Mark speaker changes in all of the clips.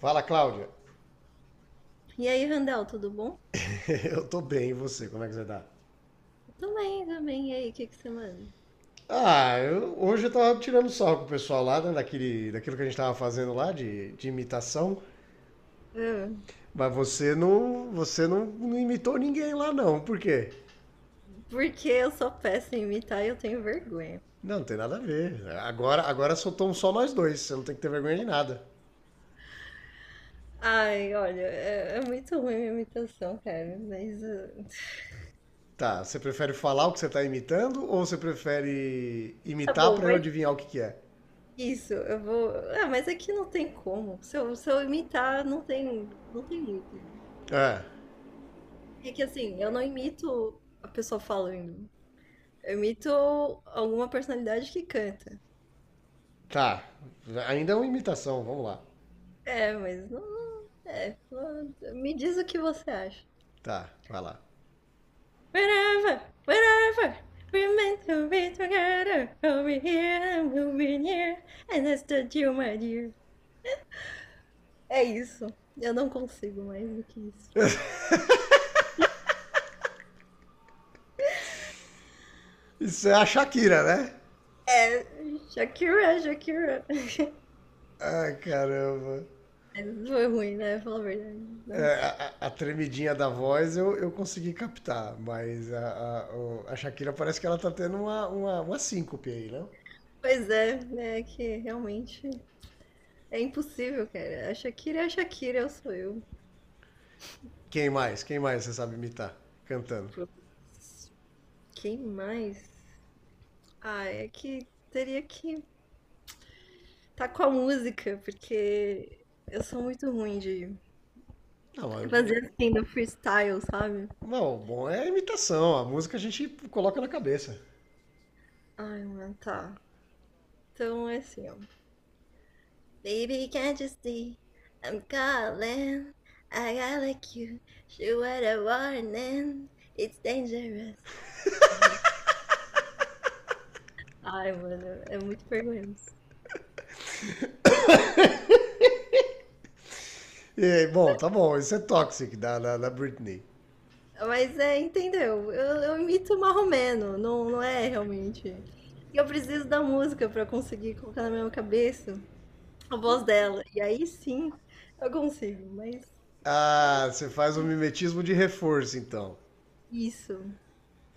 Speaker 1: Fala, Cláudia.
Speaker 2: E aí, Randall, tudo bom?
Speaker 1: Eu tô bem, e você? Como é que você tá?
Speaker 2: Eu também, também. E aí, o que que você manda?
Speaker 1: Ah, hoje eu tava tirando sarro com o pessoal lá, né, daquele, daquilo que a gente tava fazendo lá de imitação,
Speaker 2: Ah,
Speaker 1: mas você não imitou ninguém lá não, por quê?
Speaker 2: porque eu sou péssima em imitar e eu tenho vergonha.
Speaker 1: Não, não tem nada a ver. Agora soltamos só nós dois, você não tem que ter vergonha de nada.
Speaker 2: Ai, olha, é muito ruim minha imitação, cara. Mas ah,
Speaker 1: Tá, você prefere falar o que você tá imitando ou você prefere
Speaker 2: tá
Speaker 1: imitar
Speaker 2: bom,
Speaker 1: pra eu
Speaker 2: mas
Speaker 1: adivinhar o que que é?
Speaker 2: isso, eu vou. Ah, mas aqui não tem como. Se eu imitar, não tem, não tem muito.
Speaker 1: É,
Speaker 2: É que assim, eu não imito a pessoa falando. Eu imito alguma personalidade que canta.
Speaker 1: tá. Ainda é uma imitação, vamos lá.
Speaker 2: É, mas não. É, me diz o que você acha.
Speaker 1: Tá, vai lá.
Speaker 2: Wherever, wherever, we're meant to be together. We'll be here and we'll be near. And that's the deal, my dear. É isso. Eu não consigo mais do que isso.
Speaker 1: Isso é a Shakira, né?
Speaker 2: É. Shakira, Shakira.
Speaker 1: Ah, caramba.
Speaker 2: Mas foi ruim, né? Fala a verdade.
Speaker 1: É, a,
Speaker 2: Nossa.
Speaker 1: a- a tremidinha da voz eu consegui captar, mas a Shakira parece que ela tá tendo uma síncope aí, não?
Speaker 2: Pois é, né? É que realmente é impossível, cara. A Shakira é a Shakira, eu sou eu.
Speaker 1: Quem mais? Quem mais você sabe imitar cantando?
Speaker 2: Quem mais? Ah, é que teria que tá com a música, porque eu sou muito ruim de
Speaker 1: Não, eu,
Speaker 2: fazer assim no freestyle, sabe?
Speaker 1: não, Bom, é a imitação, a música a gente coloca na cabeça.
Speaker 2: Ai, mano, tá. Então é assim, ó. Baby, can't you see? I'm calling. I got like you. She what a warning. It's dangerous. Ai, mano, é muito vergonhoso.
Speaker 1: E aí, bom, tá bom, isso é Toxic da Britney.
Speaker 2: Mas é, entendeu? Eu imito marromeno, não, não é realmente. E eu preciso da música pra conseguir colocar na minha cabeça a voz dela. E aí sim eu consigo, mas
Speaker 1: Ah, você faz um mimetismo de reforço, então.
Speaker 2: isso.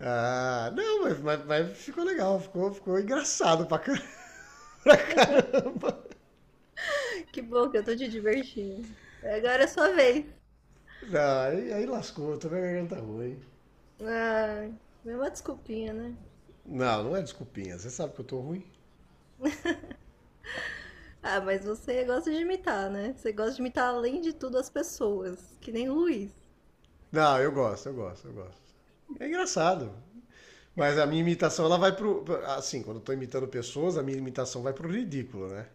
Speaker 1: Ah, não, mas ficou legal, ficou engraçado pra caramba.
Speaker 2: Que bom que eu tô te divertindo. Agora é sua vez.
Speaker 1: Não, aí lascou, tô com a garganta ruim.
Speaker 2: Ah, mesma desculpinha, né?
Speaker 1: Não, não é desculpinha, você sabe que eu tô ruim.
Speaker 2: Ah, mas você gosta de imitar, né? Você gosta de imitar, além de tudo, as pessoas. Que nem o Luiz.
Speaker 1: Não, eu gosto, eu gosto, eu gosto. É engraçado. Mas a minha imitação, ela vai pro. Assim, quando eu tô imitando pessoas, a minha imitação vai pro ridículo, né?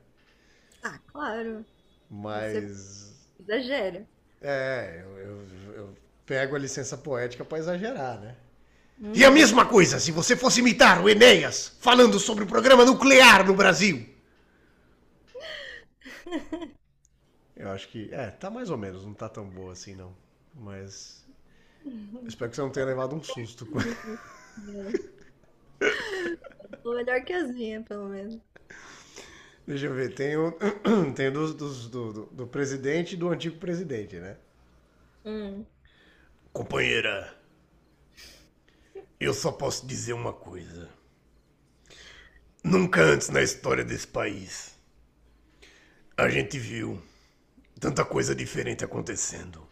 Speaker 2: Ah, claro. Você
Speaker 1: Mas.
Speaker 2: exagera.
Speaker 1: É, eu pego a licença poética pra exagerar, né? E a mesma
Speaker 2: Uhum.
Speaker 1: coisa se você fosse imitar o Enéas falando sobre o programa nuclear no Brasil. Eu acho que. É, tá mais ou menos, não tá tão boa assim, não. Mas. Eu espero que você não tenha levado um susto com.
Speaker 2: Bom, tô melhor que as minhas, pelo menos.
Speaker 1: Deixa eu ver, tem o, tem do presidente e do antigo presidente, né?
Speaker 2: Hum.
Speaker 1: Companheira, eu só posso dizer uma coisa. Nunca antes na história desse país a gente viu tanta coisa diferente acontecendo.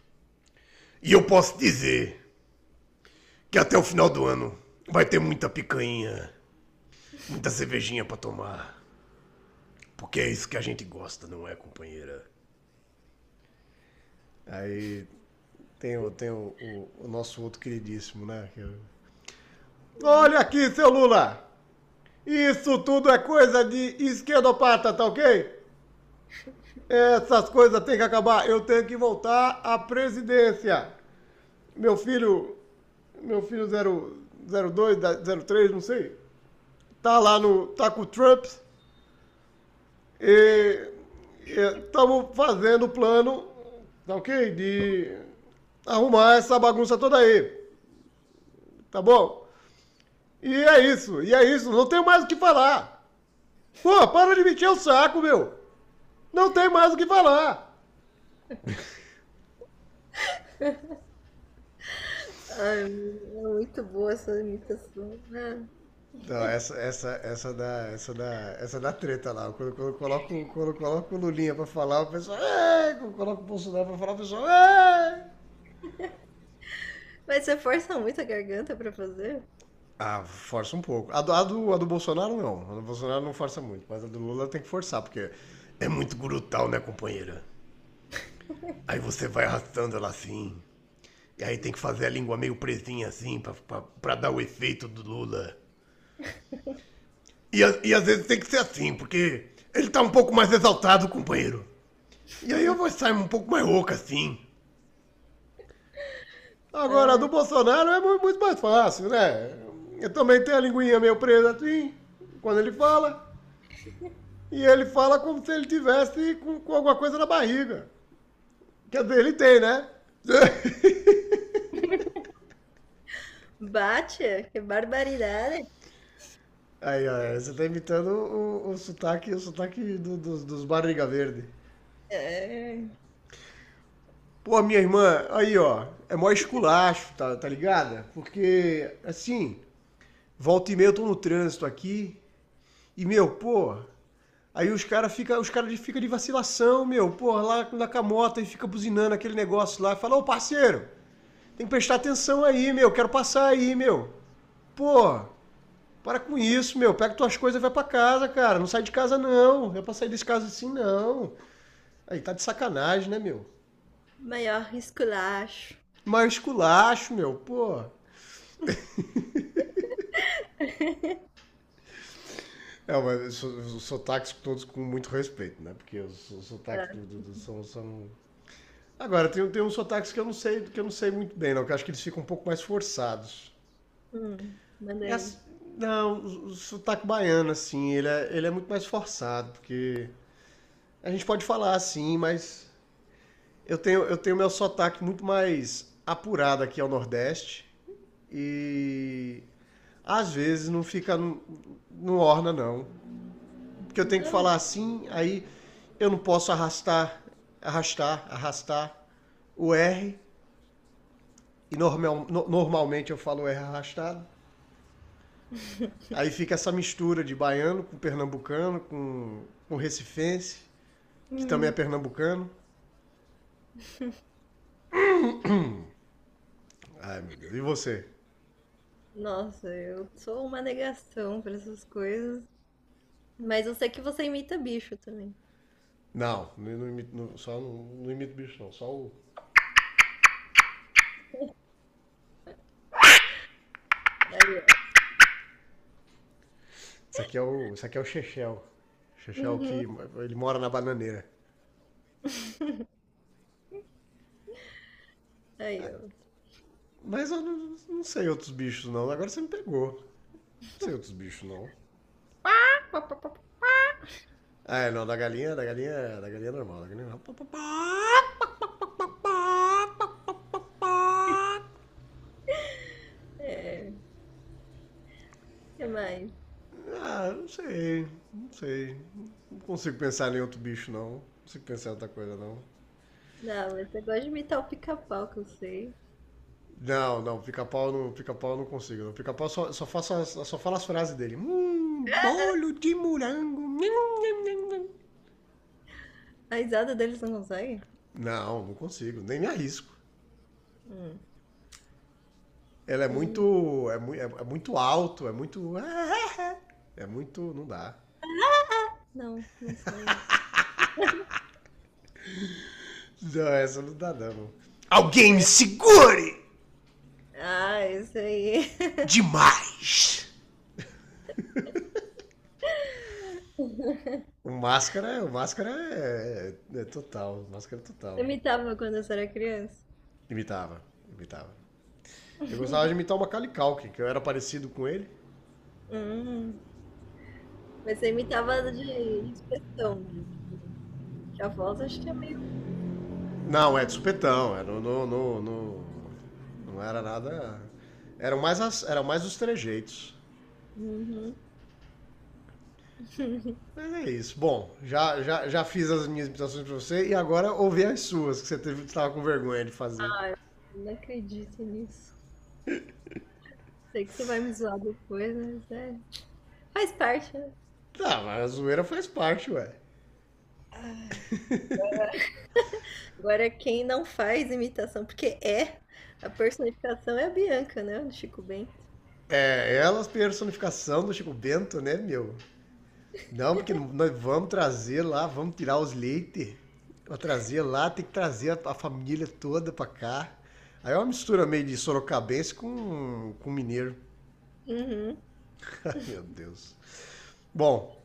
Speaker 1: E eu posso dizer que até o final do ano vai ter muita picanha, muita cervejinha pra tomar. Porque é isso que a gente gosta, não é, companheira? Aí tem o nosso outro queridíssimo, né?
Speaker 2: Hum.
Speaker 1: Olha aqui, seu Lula! Isso tudo é coisa de esquerdopata, tá ok? Essas coisas têm que acabar. Eu tenho que voltar à presidência. Meu filho, meu filho 02, 03, não sei, tá lá no, tá com o Trump e estamos fazendo o plano, tá ok? De arrumar essa bagunça toda aí, tá bom? E é isso, e é isso. Não tem mais o que falar. Pô, para de mentir o saco, meu. Não tem mais o que falar.
Speaker 2: Ai, é muito boa essa imitação. Ah.
Speaker 1: Não, essa da treta lá. Quando eu coloco o Lulinha pra falar, o pessoal. "É!" Quando eu coloco o Bolsonaro pra falar, o pessoal. "É!"
Speaker 2: Mas você força muito a garganta pra fazer?
Speaker 1: Ah, força um pouco. A do Bolsonaro não. A do Bolsonaro não força muito, mas a do Lula tem que forçar, porque é muito brutal, né, companheira? Aí você vai arrastando ela assim. E aí tem que fazer a língua meio presinha assim pra dar o efeito do Lula. E às vezes tem que ser assim, porque ele tá um pouco mais exaltado, companheiro. E aí eu vou sair um pouco mais rouca assim. Agora, a do
Speaker 2: Ai.
Speaker 1: Bolsonaro é muito mais fácil, né? Eu também tenho a linguinha meio presa assim, quando ele fala. E ele fala como se ele tivesse com alguma coisa na barriga. Quer dizer, ele tem, né?
Speaker 2: Bate, que barbaridade.
Speaker 1: Aí, ó, você tá imitando o sotaque dos barriga verde.
Speaker 2: É.
Speaker 1: Pô, minha irmã, aí, ó, é mó esculacho, tá ligada? Porque, assim, volta e meia eu tô no trânsito aqui. E, meu, pô, aí os cara fica de vacilação, meu, pô, lá na camota e fica buzinando aquele negócio lá. Fala, ô parceiro, tem que prestar atenção aí, meu, quero passar aí, meu. Pô, para com isso, meu, pega tuas coisas e vai pra casa, cara. Não sai de casa, não. Não é pra sair desse caso assim, não. Aí tá de sacanagem, né, meu?
Speaker 2: Maior esculacho.
Speaker 1: Mas esculacho, meu, pô. É, mas os sotaques todos com muito respeito, né? Porque os sotaques
Speaker 2: Tá.
Speaker 1: são. Agora, tem uns sotaques que eu não sei, muito bem, não, que eu acho que eles ficam um pouco mais forçados.
Speaker 2: Manda
Speaker 1: E
Speaker 2: aí.
Speaker 1: as- não, o sotaque baiano, assim, ele é muito mais forçado, porque a gente pode falar assim, mas eu tenho meu sotaque muito mais apurado aqui ao Nordeste e às vezes não fica, não orna, não. Porque eu tenho que
Speaker 2: Não.
Speaker 1: falar assim, aí eu não posso arrastar, arrastar, arrastar o R e normal, normalmente eu falo R arrastado. Aí fica essa mistura de baiano com pernambucano, com recifense, que também é
Speaker 2: Hum.
Speaker 1: pernambucano. Ai, meu Deus. E você?
Speaker 2: Nossa, eu sou uma negação para essas coisas. Mas eu sei que você imita bicho também.
Speaker 1: Não, não, não imito, não- só não, não imito bicho, não. Só o...
Speaker 2: Aí, ó.
Speaker 1: Isso aqui é o Chechel. Chechel
Speaker 2: Uhum.
Speaker 1: que ele mora na bananeira.
Speaker 2: Aí,
Speaker 1: É,
Speaker 2: ó.
Speaker 1: mas eu não sei outros bichos, não. Agora você me pegou. Não sei outros bichos, não. Ah, é, não. Da galinha é normal. Da galinha é normal.
Speaker 2: É. O que mais?
Speaker 1: Ah, não sei. Não sei. Não consigo pensar em outro bicho, não. Não consigo pensar em outra coisa, não.
Speaker 2: Não, mas você gosta de imitar o pica-pau, que eu sei.
Speaker 1: Não, não, pica-pau eu não consigo. Não. Pica-pau só fala as frases dele. Bolo de morango. Nham, nham, nham, nham."
Speaker 2: A risada deles não consegue?
Speaker 1: Não, não consigo, nem me arrisco.
Speaker 2: Hum.
Speaker 1: Ela é
Speaker 2: E.
Speaker 1: muito. É, é muito alto, é muito. É muito. Não dá.
Speaker 2: Não, não sabe.
Speaker 1: Não, essa não dá, não. Alguém me
Speaker 2: É.
Speaker 1: segure!
Speaker 2: Ah, isso aí.
Speaker 1: Demais! O Máscara é total, o Máscara é
Speaker 2: Eu
Speaker 1: total.
Speaker 2: imitava quando eu era criança.
Speaker 1: Imitava, imitava. Eu gostava de imitar o Macaulay Culkin, que eu era parecido com ele.
Speaker 2: Hum. Mas você imitava de expressão, gente. Que a voz acho que é meio.
Speaker 1: Não, é de supetão, não era nada... Eram mais, eram mais os trejeitos.
Speaker 2: Uhum.
Speaker 1: Mas é isso. Bom, já fiz as minhas imitações pra você e agora ouvi as suas, que você estava com vergonha de fazer.
Speaker 2: Ai, eu não acredito nisso. Sei que você vai me zoar depois, mas é. Faz parte, né?
Speaker 1: Tá, mas a zoeira faz parte, ué.
Speaker 2: Agora, quem não faz imitação, porque é, a personificação é a Bianca, né? Do Chico Bento.
Speaker 1: É, ela a personificação do Chico Bento, né, meu? Não, porque nós vamos trazer lá, vamos tirar os leites, vamos trazer lá, tem que trazer a família toda pra cá. Aí é uma mistura meio de sorocabense com mineiro.
Speaker 2: Uhum.
Speaker 1: Ai, meu Deus. Bom,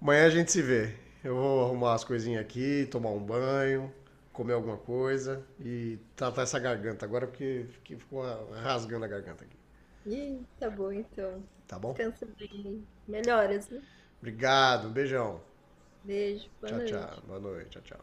Speaker 1: amanhã a gente se vê. Eu vou arrumar as coisinhas aqui, tomar um banho, comer alguma coisa e tratar essa garganta agora, porque ficou rasgando a garganta aqui,
Speaker 2: E tá bom, então.
Speaker 1: tá bom?
Speaker 2: Descansa bem. Melhoras, viu?
Speaker 1: Obrigado, um beijão.
Speaker 2: Beijo, boa
Speaker 1: Tchau, tchau.
Speaker 2: noite.
Speaker 1: Boa noite, tchau, tchau.